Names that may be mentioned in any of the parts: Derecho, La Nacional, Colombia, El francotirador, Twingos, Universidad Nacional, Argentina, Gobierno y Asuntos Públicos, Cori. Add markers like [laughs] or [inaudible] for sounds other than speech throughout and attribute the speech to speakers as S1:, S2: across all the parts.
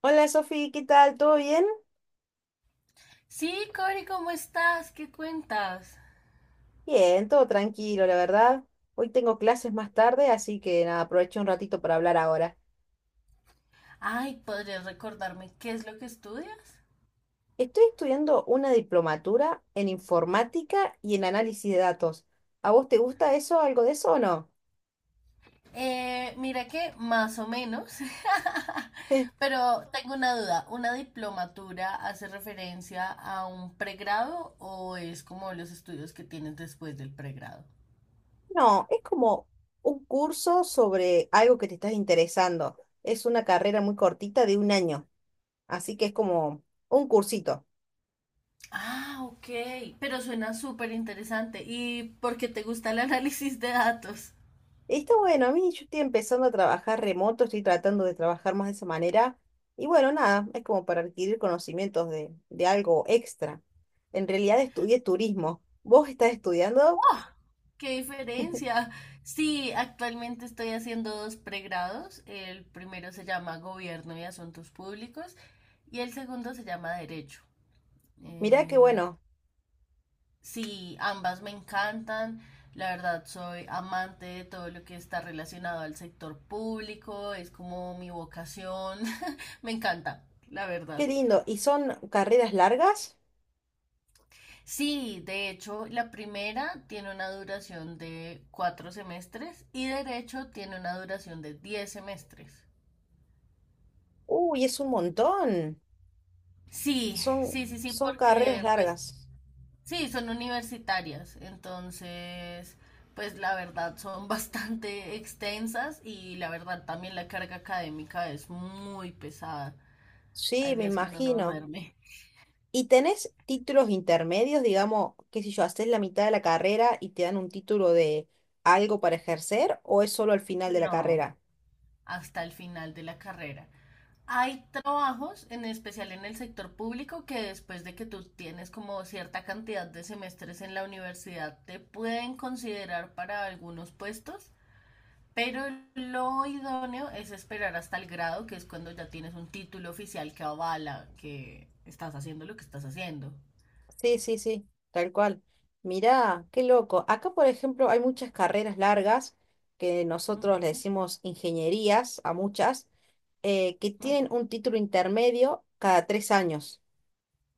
S1: Hola Sofi, ¿qué tal? ¿Todo bien?
S2: Sí, Cori, ¿cómo estás? ¿Qué cuentas?
S1: Bien, todo tranquilo, la verdad. Hoy tengo clases más tarde, así que nada, aproveché un ratito para hablar ahora.
S2: Ay, ¿podrías recordarme qué es lo que estudias?
S1: Estoy estudiando una diplomatura en informática y en análisis de datos. ¿A vos te gusta eso, algo de eso o no?
S2: Mira que más o menos, [laughs]
S1: [laughs]
S2: pero tengo una duda. ¿Una diplomatura hace referencia a un pregrado o es como los estudios que tienes después del pregrado?
S1: No, es como un curso sobre algo que te estás interesando. Es una carrera muy cortita de un año, así que es como un cursito.
S2: Ah, ok, pero suena súper interesante. ¿Y por qué te gusta el análisis de datos?
S1: Está bueno, a mí yo estoy empezando a trabajar remoto, estoy tratando de trabajar más de esa manera. Y bueno, nada, es como para adquirir conocimientos de algo extra. En realidad estudié turismo. ¿Vos estás estudiando?
S2: ¡Qué diferencia! Sí, actualmente estoy haciendo dos pregrados. El primero se llama Gobierno y Asuntos Públicos y el segundo se llama Derecho.
S1: Mirá qué
S2: Eh,
S1: bueno,
S2: sí, ambas me encantan. La verdad, soy amante de todo lo que está relacionado al sector público. Es como mi vocación. [laughs] Me encanta, la
S1: qué
S2: verdad.
S1: lindo. ¿Y son carreras largas?
S2: Sí, de hecho, la primera tiene una duración de 4 semestres y derecho tiene una duración de 10 semestres.
S1: Uy, es un montón.
S2: Sí,
S1: Son,
S2: sí, sí, sí,
S1: son carreras
S2: porque pues
S1: largas.
S2: sí, son universitarias, entonces pues la verdad son [laughs] bastante extensas y la verdad también la carga académica es muy pesada. Hay
S1: Sí, me
S2: días que uno no
S1: imagino.
S2: duerme.
S1: ¿Y tenés títulos intermedios, digamos, qué sé yo, haces la mitad de la carrera y te dan un título de algo para ejercer o es solo al final de la
S2: No,
S1: carrera?
S2: hasta el final de la carrera. Hay trabajos, en especial en el sector público, que después de que tú tienes como cierta cantidad de semestres en la universidad, te pueden considerar para algunos puestos, pero lo idóneo es esperar hasta el grado, que es cuando ya tienes un título oficial que avala que estás haciendo lo que estás haciendo.
S1: Sí, sí, sí, tal cual. Mirá, qué loco. Acá, por ejemplo, hay muchas carreras largas que nosotros le
S2: Ujú,
S1: decimos ingenierías a muchas, que tienen
S2: ujú.
S1: un título intermedio cada 3 años.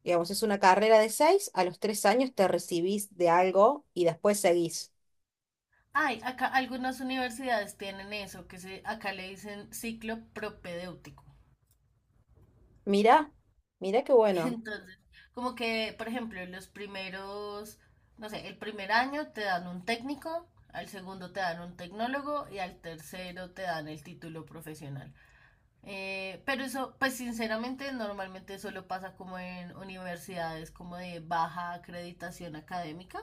S1: Digamos, es una carrera de 6, a los 3 años te recibís de algo y después seguís.
S2: Ay, acá algunas universidades tienen eso, acá le dicen ciclo propedéutico.
S1: Mirá, mirá qué bueno.
S2: Entonces, como que, por ejemplo, los primeros, no sé, el primer año te dan un técnico, al segundo te dan un tecnólogo y al tercero te dan el título profesional. Pero eso, pues sinceramente, normalmente solo pasa como en universidades como de baja acreditación académica,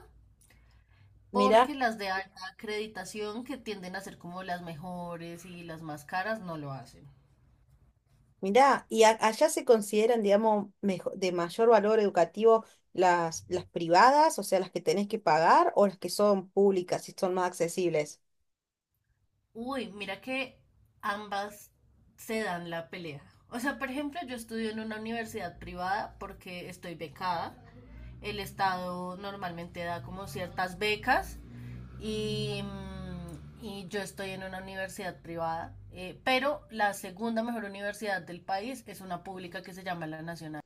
S1: Mirá.
S2: porque las de alta acreditación que tienden a ser como las mejores y las más caras no lo hacen.
S1: Mirá, ¿y allá se consideran, digamos, de mayor valor educativo las privadas, o sea, las que tenés que pagar, o las que son públicas y son más accesibles?
S2: Uy, mira que ambas se dan la pelea. O sea, por ejemplo, yo estudio en una universidad privada porque estoy becada. El Estado normalmente da como ciertas becas y yo estoy en una universidad privada. Pero la segunda mejor universidad del país es una pública que se llama La Nacional.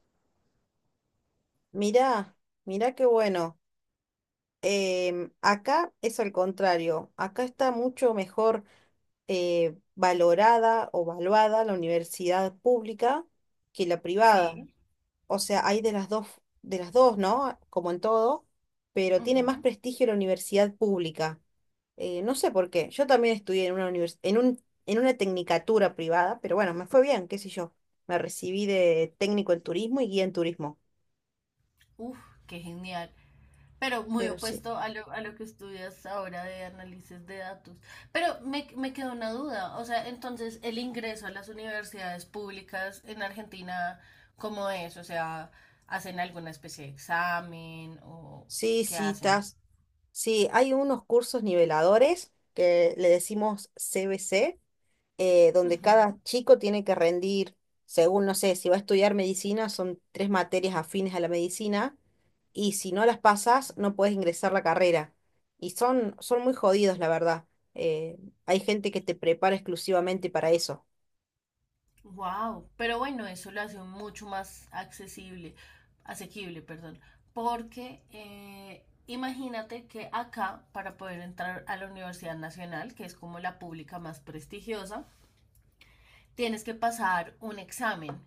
S1: Mirá, mirá qué bueno. Acá es al contrario, acá está mucho mejor valorada o valuada la universidad pública que la privada.
S2: Sí.
S1: O sea, hay de las dos, ¿no? Como en todo, pero tiene más
S2: Ujú.
S1: prestigio la universidad pública. No sé por qué. Yo también estudié en una en en una tecnicatura privada, pero bueno, me fue bien, qué sé yo. Me recibí de técnico en turismo y guía en turismo.
S2: Uf, qué genial. Pero muy
S1: Pero sí.
S2: opuesto a lo que estudias ahora de análisis de datos. Pero me quedó una duda. O sea, entonces, el ingreso a las universidades públicas en Argentina, ¿cómo es? O sea, ¿hacen alguna especie de examen o
S1: Sí,
S2: qué
S1: sí,
S2: hacen?
S1: estás. Sí, hay unos cursos niveladores que le decimos CBC, donde cada chico tiene que rendir, según, no sé, si va a estudiar medicina, son 3 materias afines a la medicina y si no las pasas, no puedes ingresar la carrera. Y son muy jodidos, la verdad. Eh, Hay gente que te prepara exclusivamente para eso.
S2: Wow. Pero bueno, eso lo hace mucho más accesible, asequible, perdón. Porque imagínate que acá, para poder entrar a la Universidad Nacional, que es como la pública más prestigiosa, tienes que pasar un examen,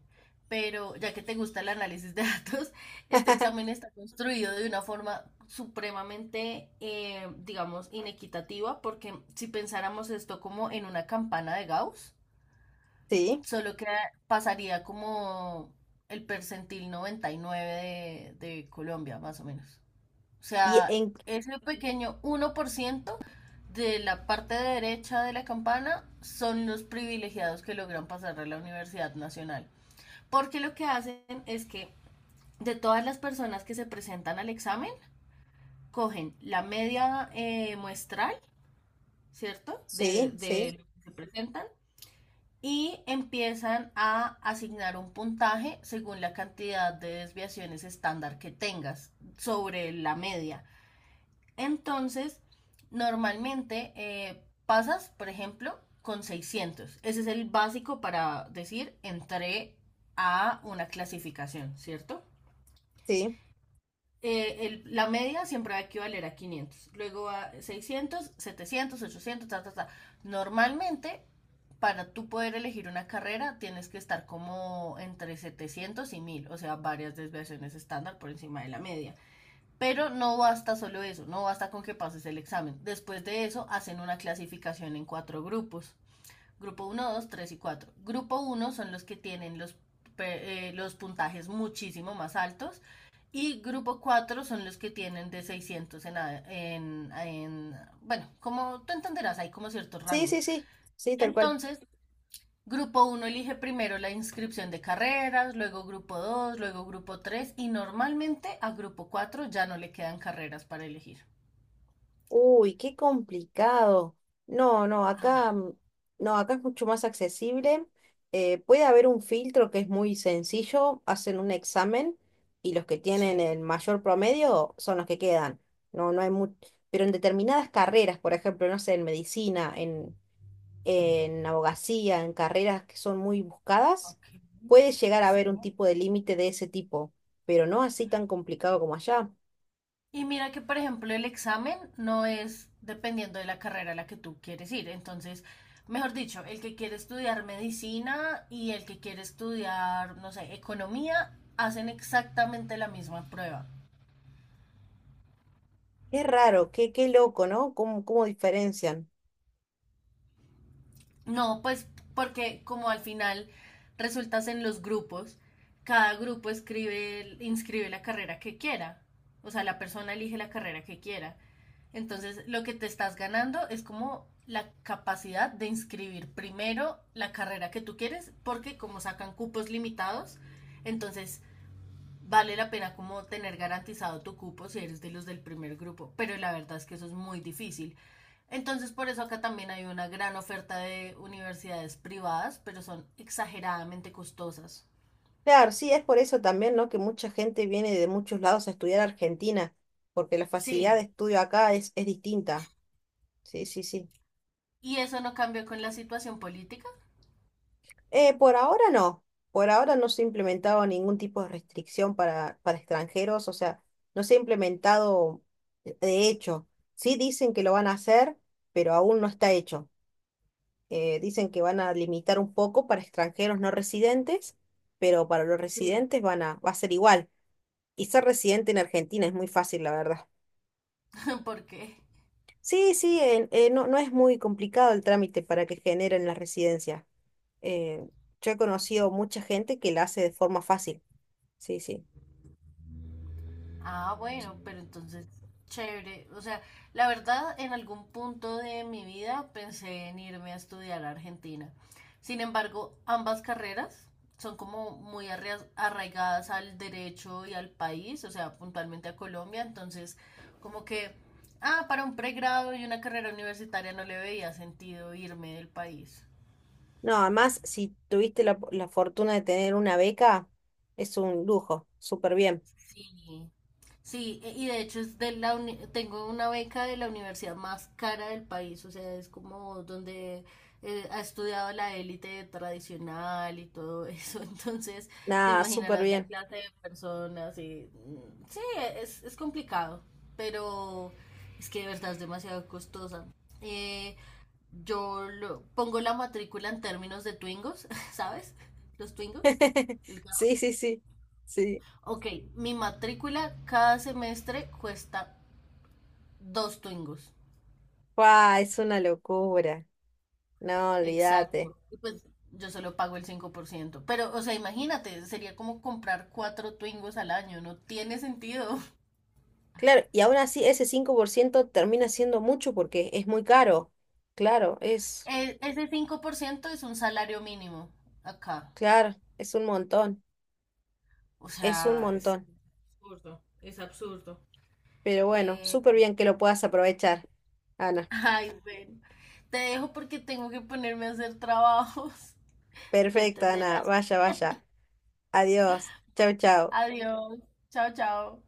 S2: pero ya que te gusta el análisis de [laughs] datos, este
S1: [laughs]
S2: examen está construido de una forma supremamente, digamos, inequitativa, porque si pensáramos esto como en una campana de Gauss,
S1: Sí.
S2: solo que pasaría como el percentil 99 de Colombia, más o menos. O
S1: Y
S2: sea,
S1: en...
S2: ese pequeño 1% de la parte derecha de la campana son los privilegiados que logran pasar a la Universidad Nacional. Porque lo que hacen es que de todas las personas que se presentan al examen, cogen la media muestral, ¿cierto? De,
S1: Sí, sí,
S2: de lo que se presentan y empiezan a asignar un puntaje según la cantidad de desviaciones estándar que tengas sobre la media. Entonces, normalmente pasas, por ejemplo, con 600. Ese es el básico para decir entré a una clasificación, ¿cierto?
S1: sí.
S2: La media siempre va a equivaler a 500. Luego a 600, 700, 800, ta, ta, ta. Normalmente, para tú poder elegir una carrera, tienes que estar como entre 700 y 1.000, o sea, varias desviaciones estándar por encima de la media. Pero no basta solo eso, no basta con que pases el examen. Después de eso hacen una clasificación en cuatro grupos. Grupo uno, dos, 3 y cuatro. Grupo uno son los, que tienen los puntajes muchísimo más altos y grupo 4 son los que tienen de 600 en, bueno, como tú entenderás, hay como ciertos
S1: Sí, sí,
S2: rangos.
S1: sí. Sí, tal cual.
S2: Entonces, Grupo uno elige primero la inscripción de carreras, luego grupo 2, luego grupo 3 y normalmente a grupo 4 ya no le quedan carreras para elegir.
S1: Uy, qué complicado. No, no,
S2: Ah,
S1: acá, no, acá es mucho más accesible. Puede haber un filtro que es muy sencillo, hacen un examen y los que
S2: sí,
S1: tienen el mayor promedio son los que quedan. No, no hay mucho. Pero en determinadas carreras, por ejemplo, no sé, en medicina, en abogacía, en carreras que son muy buscadas,
S2: ok.
S1: puede llegar a
S2: Sí.
S1: haber un tipo de límite de ese tipo, pero no así tan complicado como allá.
S2: Y mira que, por ejemplo, el examen no es dependiendo de la carrera a la que tú quieres ir. Entonces, mejor dicho, el que quiere estudiar medicina y el que quiere estudiar, no sé, economía, hacen exactamente la misma prueba.
S1: Es raro, qué, qué loco, ¿no? ¿Cómo, cómo diferencian?
S2: No, pues porque como al final resultas en los grupos, cada grupo inscribe la carrera que quiera. O sea, la persona elige la carrera que quiera. Entonces, lo que te estás ganando es como la capacidad de inscribir primero la carrera que tú quieres, porque como sacan cupos limitados, entonces vale la pena como tener garantizado tu cupo si eres de los del primer grupo, pero la verdad es que eso es muy difícil. Entonces por eso acá también hay una gran oferta de universidades privadas, pero son exageradamente costosas.
S1: Claro, sí, es por eso también, ¿no? Que mucha gente viene de muchos lados a estudiar a Argentina, porque la facilidad de
S2: Sí.
S1: estudio acá es distinta. Sí, sí, sí.
S2: ¿Y eso no cambió con la situación política?
S1: Por ahora no, por ahora no se ha implementado ningún tipo de restricción para extranjeros, o sea, no se ha implementado de hecho. Sí dicen que lo van a hacer, pero aún no está hecho. Dicen que van a limitar un poco para extranjeros no residentes, pero para los
S2: Sí.
S1: residentes van a, va a ser igual. Y ser residente en Argentina es muy fácil, la verdad.
S2: [laughs] ¿Por qué?
S1: Sí, sí, no, no es muy complicado el trámite para que generen la residencia. Eh, yo he conocido mucha gente que la hace de forma fácil. Sí, sí.
S2: Ah, bueno, pero entonces, chévere. O sea, la verdad, en algún punto de mi vida pensé en irme a estudiar a Argentina. Sin embargo, ambas carreras son como muy arraigadas al derecho y al país, o sea, puntualmente a Colombia. Entonces, como que, ah, para un pregrado y una carrera universitaria no le veía sentido irme del país.
S1: No, además, si tuviste la fortuna de tener una beca, es un lujo. Súper bien.
S2: Sí, sí, y de hecho es tengo una beca de la universidad más cara del país, o sea, es como donde ha estudiado la élite tradicional y todo eso, [laughs] entonces te
S1: Nada, súper
S2: imaginarás la
S1: bien.
S2: clase de personas y sí, es complicado, pero es que de verdad es demasiado costosa. Eh, yo pongo la matrícula en términos de Twingos, [laughs] ¿sabes? Los Twingos.
S1: [laughs] Sí, sí, sí. Sí.
S2: Ok, mi matrícula cada semestre cuesta dos twingos.
S1: ¡Guau! Es una locura. No, olvídate.
S2: Exacto. Y pues yo solo pago el 5%. Pero, o sea, imagínate, sería como comprar cuatro twingos al año. No tiene sentido.
S1: Claro, y aún así ese 5% termina siendo mucho porque es muy caro. Claro, es,
S2: Ese 5% es un salario mínimo acá.
S1: claro, es un montón.
S2: O
S1: Es un
S2: sea, es
S1: montón,
S2: absurdo, es absurdo.
S1: pero bueno,
S2: eh,
S1: súper bien que lo puedas aprovechar,
S2: [laughs]
S1: Ana.
S2: Ay, bueno. Te dejo porque tengo que ponerme a hacer trabajos. [laughs] Ya
S1: Perfecto, Ana.
S2: entenderás.
S1: Vaya, vaya. Adiós. Chau, chau.
S2: Adiós. Chao, chao.